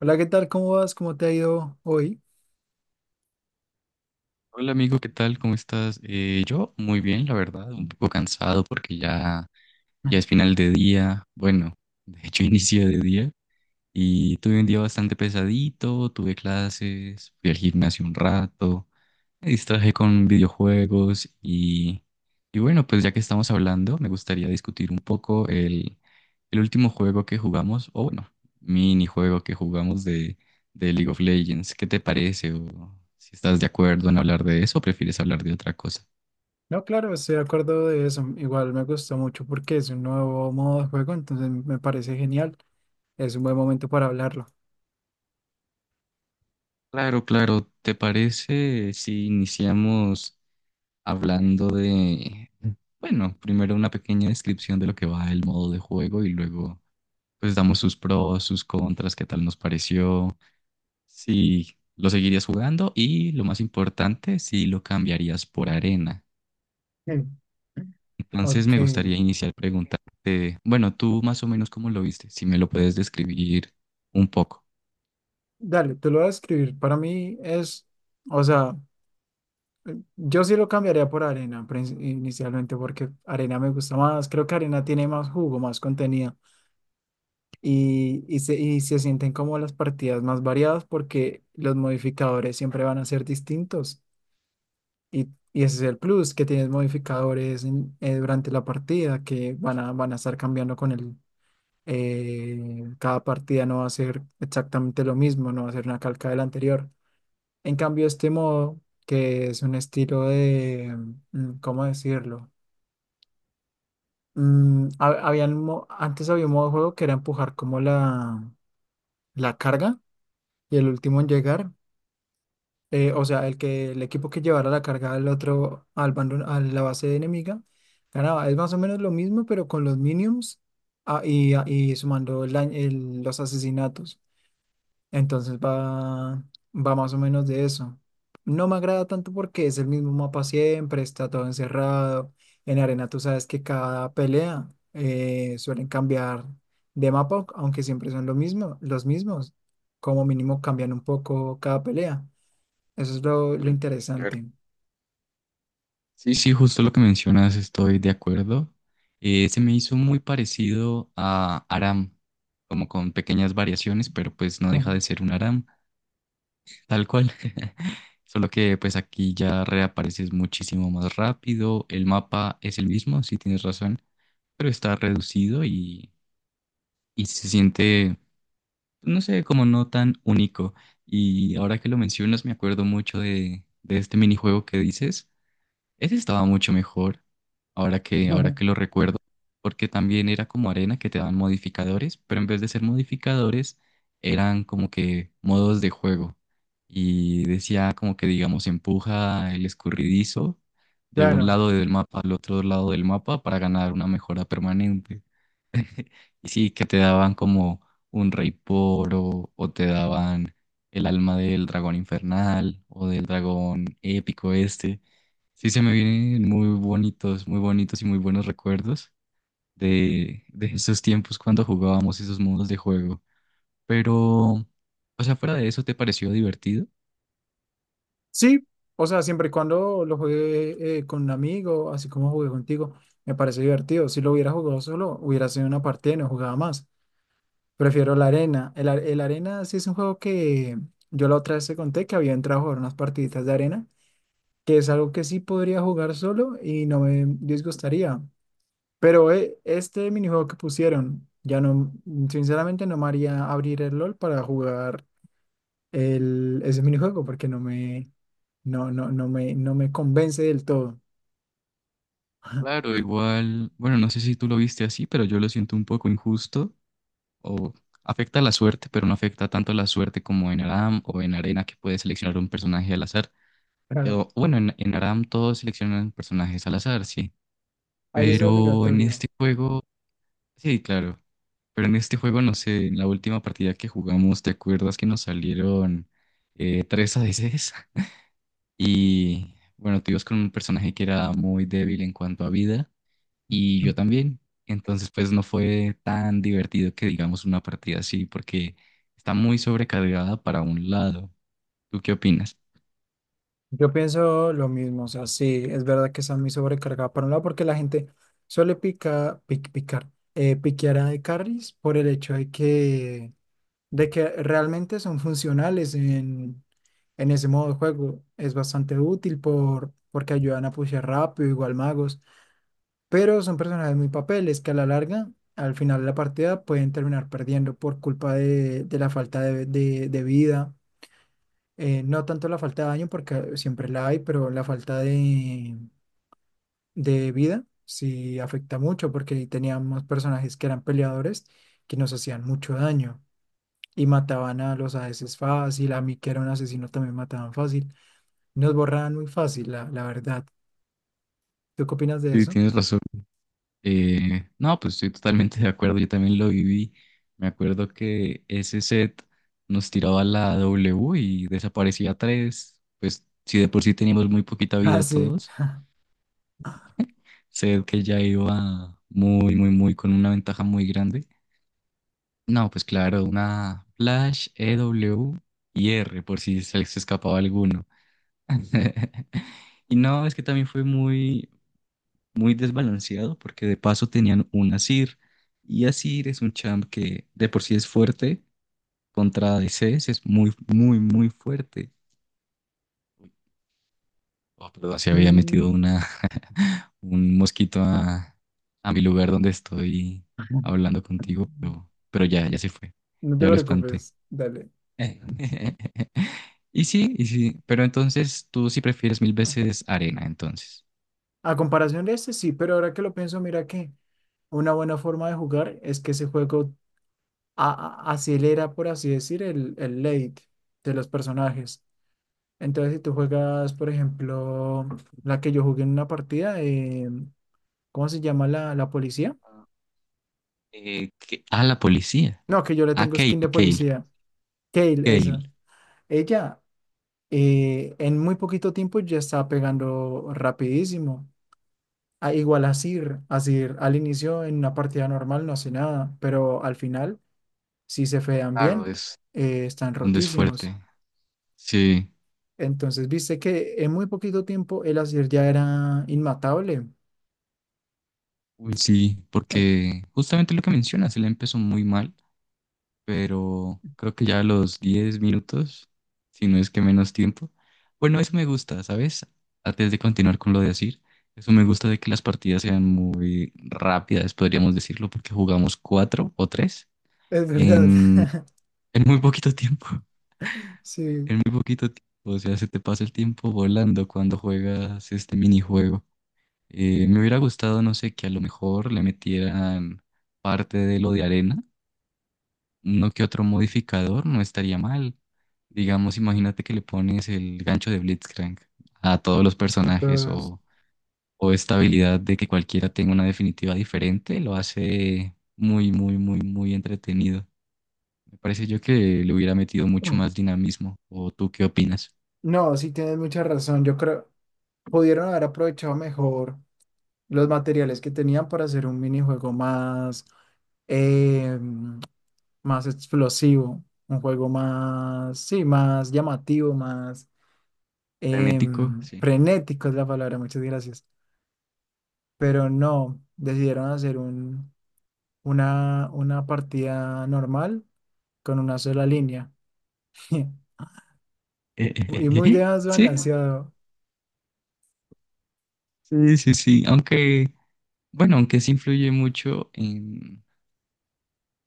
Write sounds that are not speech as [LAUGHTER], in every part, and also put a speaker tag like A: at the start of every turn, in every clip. A: Hola, ¿qué tal? ¿Cómo vas? ¿Cómo te ha ido hoy?
B: Hola amigo, ¿qué tal? ¿Cómo estás? Yo muy bien, la verdad, un poco cansado porque ya
A: Mm.
B: es final de día, bueno, de hecho [LAUGHS] inicio de día y tuve un día bastante pesadito, tuve clases, fui al gimnasio un rato, me distraje con videojuegos y bueno, pues ya que estamos hablando, me gustaría discutir un poco el último juego que jugamos, o bueno, minijuego que jugamos de League of Legends. ¿Qué te parece? O si estás de acuerdo en hablar de eso o prefieres hablar de otra cosa.
A: No, claro, estoy de acuerdo de eso. Igual me gustó mucho porque es un nuevo modo de juego, entonces me parece genial. Es un buen momento para hablarlo.
B: Claro, claro, ¿te parece si iniciamos hablando de, bueno, primero una pequeña descripción de lo que va el modo de juego y luego pues damos sus pros, sus contras, ¿qué tal nos pareció? ¿Si lo seguirías jugando y lo más importante, si lo cambiarías por arena?
A: Mm.
B: Entonces
A: Ok,
B: me gustaría iniciar preguntarte, bueno, tú más o menos cómo lo viste, si me lo puedes describir un poco.
A: dale, te lo voy a escribir. Para mí es, o sea, yo sí lo cambiaría por arena inicialmente porque arena me gusta más. Creo que arena tiene más jugo, más contenido y se sienten como las partidas más variadas porque los modificadores siempre van a ser distintos. Y, y ese es el plus, que tienes modificadores durante la partida que van a estar cambiando con cada partida no va a ser exactamente lo mismo, no va a ser una calca de la anterior. En cambio, este modo, que es un estilo de... ¿Cómo decirlo? Antes había un modo de juego que era empujar como la carga y el último en llegar. O sea, el que el equipo que llevara la carga al otro, al bando, a la base enemiga, ganaba. Es más o menos lo mismo, pero con los minions y sumando el los asesinatos. Entonces va, va más o menos de eso. No me agrada tanto porque es el mismo mapa siempre, está todo encerrado. En arena tú sabes que cada pelea suelen cambiar de mapa, aunque siempre son lo mismo, los mismos. Como mínimo cambian un poco cada pelea. Eso es lo
B: Mm, claro.
A: interesante.
B: Sí, sí, justo lo que mencionas, estoy de acuerdo. Se me hizo muy parecido a Aram, como con pequeñas variaciones, pero pues no
A: [LAUGHS] Ajá.
B: deja de ser un Aram. Tal cual. [LAUGHS] Solo que pues aquí ya reapareces muchísimo más rápido. El mapa es el mismo, sí tienes razón, pero está reducido y se siente, no sé, como no tan único. Y ahora que lo mencionas, me acuerdo mucho de este minijuego que dices. Ese estaba mucho mejor, ahora
A: Ajá.
B: que lo recuerdo, porque también era como arena que te daban modificadores, pero en vez de ser modificadores, eran como que modos de juego. Y decía como que, digamos, empuja el escurridizo de un
A: Claro.
B: lado del mapa al otro lado del mapa para ganar una mejora permanente. Y sí, que te daban como un rey poro o te daban el alma del dragón infernal o del dragón épico este. Sí, se me vienen muy bonitos y muy buenos recuerdos de esos tiempos cuando jugábamos esos modos de juego. Pero, o sea, fuera de eso, ¿te pareció divertido?
A: Sí, o sea, siempre y cuando lo juegue con un amigo, así como jugué contigo, me parece divertido. Si lo hubiera jugado solo, hubiera sido una partida y no jugaba más. Prefiero la arena. El arena sí es un juego que yo la otra vez te conté que había entrado a jugar unas partiditas de arena, que es algo que sí podría jugar solo y no me disgustaría. Pero este minijuego que pusieron, ya no, sinceramente no me haría abrir el LOL para jugar ese minijuego porque no me, no, no, no me, no me convence del todo. [LAUGHS]
B: Claro, igual, bueno, no sé si tú lo viste así, pero yo lo siento un poco injusto o afecta la suerte, pero no afecta tanto la suerte como en Aram o en Arena que puedes seleccionar un personaje al azar.
A: Claro,
B: Bueno, en Aram todos seleccionan personajes al azar, sí,
A: ahí es
B: pero en
A: obligatorio.
B: este juego, sí, claro. Pero en este juego, no sé, en la última partida que jugamos, ¿te acuerdas que nos salieron tres ADCs? Y bueno, tú ibas con un personaje que era muy débil en cuanto a vida y yo también. Entonces, pues no fue tan divertido que digamos una partida así porque está muy sobrecargada para un lado. ¿Tú qué opinas?
A: Yo pienso lo mismo, o sea, sí, es verdad que está muy sobrecargada por un lado porque la gente picar, piquear a de carries por el hecho de que realmente son funcionales en ese modo de juego. Es bastante útil porque ayudan a pushear rápido, igual magos. Pero son personajes muy papeles que a la larga, al final de la partida, pueden terminar perdiendo por culpa de la falta de vida. No tanto la falta de daño, porque siempre la hay, pero la falta de vida sí afecta mucho, porque teníamos personajes que eran peleadores que nos hacían mucho daño y mataban a los ADCs fácil, a mí que era un asesino también mataban fácil. Nos borraban muy fácil, la verdad. ¿Tú qué opinas de
B: Sí,
A: eso?
B: tienes
A: [LAUGHS]
B: razón. No, pues estoy totalmente de acuerdo, yo también lo viví. Me acuerdo que ese set nos tiraba la W y desaparecía tres. Pues si de por sí teníamos muy poquita
A: Ah,
B: vida
A: sí.
B: todos, set que ya iba muy, muy, muy con una ventaja muy grande. No, pues claro, una Flash, E W y R por si se les escapaba alguno. [LAUGHS] Y no, es que también fue muy, muy desbalanceado porque de paso tenían un Asir y Asir es un champ que de por sí es fuerte contra DCs, es muy muy muy fuerte. Oh, perdón, se había
A: Mm.
B: metido una [LAUGHS] un mosquito a mi lugar donde estoy hablando contigo,
A: [LAUGHS]
B: pero ya se fue.
A: No te
B: Ya lo espanté.
A: preocupes, dale.
B: [LAUGHS] Y sí, pero entonces tú sí prefieres mil veces arena, entonces.
A: A comparación de este, sí, pero ahora que lo pienso, mira que una buena forma de jugar es que ese juego acelera, por así decir, el late de los personajes. Entonces, si tú juegas, por ejemplo, la que yo jugué en una partida de, ¿cómo se llama la policía?
B: A la policía.
A: No, que yo le
B: A
A: tengo skin de policía. Kale,
B: Kale.
A: esa. Ella, en muy poquito tiempo ya estaba pegando rapidísimo. Igual a Sir al inicio en una partida normal no hace nada, pero al final, si se fean
B: Claro,
A: bien,
B: es
A: están
B: donde es
A: rotísimos.
B: fuerte. Sí,
A: Entonces, viste que en muy poquito tiempo el Azir ya era inmatable.
B: uy, sí,
A: Eh,
B: porque justamente lo que mencionas, él empezó muy mal, pero creo que ya a los 10 minutos, si no es que menos tiempo. Bueno, eso me gusta, ¿sabes? Antes de continuar con lo de decir, eso me gusta de que las partidas sean muy rápidas, podríamos decirlo, porque jugamos cuatro o tres
A: Es verdad.
B: en,
A: [LAUGHS]
B: en muy poquito tiempo, [LAUGHS]
A: Sí.
B: en muy poquito tiempo. O sea, se te pasa el tiempo volando cuando juegas este minijuego. Me hubiera gustado, no sé, que a lo mejor le metieran parte de lo de arena, no que otro modificador, no estaría mal. Digamos, imagínate que le pones el gancho de Blitzcrank a todos los personajes
A: entonces,
B: o esta habilidad de que cualquiera tenga una definitiva diferente, lo hace muy, muy, muy, muy entretenido. Me parece yo que le hubiera metido mucho
A: mm.
B: más dinamismo. ¿O tú qué opinas?
A: No, sí tienes mucha razón. Yo creo pudieron haber aprovechado mejor los materiales que tenían para hacer un minijuego más. eh, Más explosivo, un juego más, sí, más llamativo, más
B: Frenético, sí.
A: frenético es la palabra, muchas gracias. Pero no, decidieron hacer una partida normal con una sola línea [LAUGHS] y muy
B: [LAUGHS] Sí,
A: desbalanceado.
B: sí, sí, sí. Aunque... bueno, aunque sí influye mucho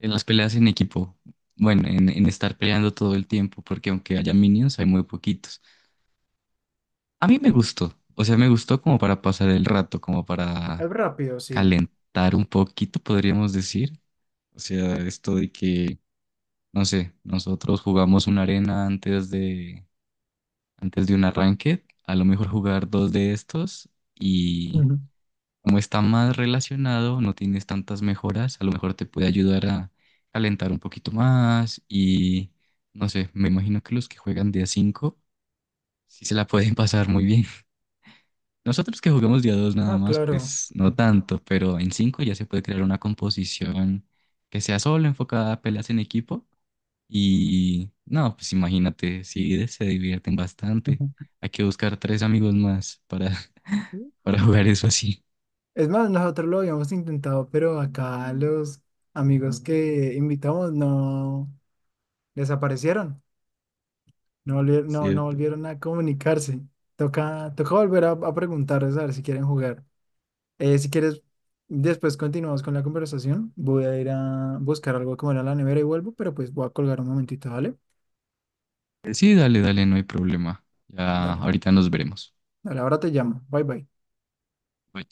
B: en las peleas en equipo. Bueno, en estar peleando todo el tiempo, porque aunque haya minions, hay muy poquitos. A mí me gustó, o sea, me gustó como para pasar el rato, como para
A: Es rápido, sí.
B: calentar un poquito, podríamos decir. O sea, esto de que, no sé, nosotros jugamos una arena antes antes de un arranque, a lo mejor jugar dos de estos.
A: Ujú.
B: Como está más relacionado, no tienes tantas mejoras, a lo mejor te puede ayudar a calentar un poquito más y no sé, me imagino que los que juegan día 5 sí se la pueden [LAUGHS] pasar muy bien. [LAUGHS] Nosotros que jugamos día 2 nada
A: Ah,
B: más,
A: claro.
B: pues no tanto, pero en 5 ya se puede crear una composición que sea solo enfocada a peleas en equipo y no, pues imagínate, sí se divierten bastante.
A: Ujú.
B: Hay que buscar tres amigos más para, [LAUGHS] para jugar eso así,
A: Es más, nosotros lo habíamos intentado, pero acá los amigos que invitamos no desaparecieron. No, no
B: ¿cierto?
A: volvieron a comunicarse. Toca volver a preguntarles a ver si quieren jugar. Si quieres, después continuamos con la conversación. Voy a ir a buscar algo como era la nevera y vuelvo, pero pues voy a colgar un momentito, ¿vale?
B: Sí, dale, dale, no hay problema. Ya
A: Dale,
B: ahorita nos veremos.
A: dale, ahora te llamo. Bye bye.
B: Bye.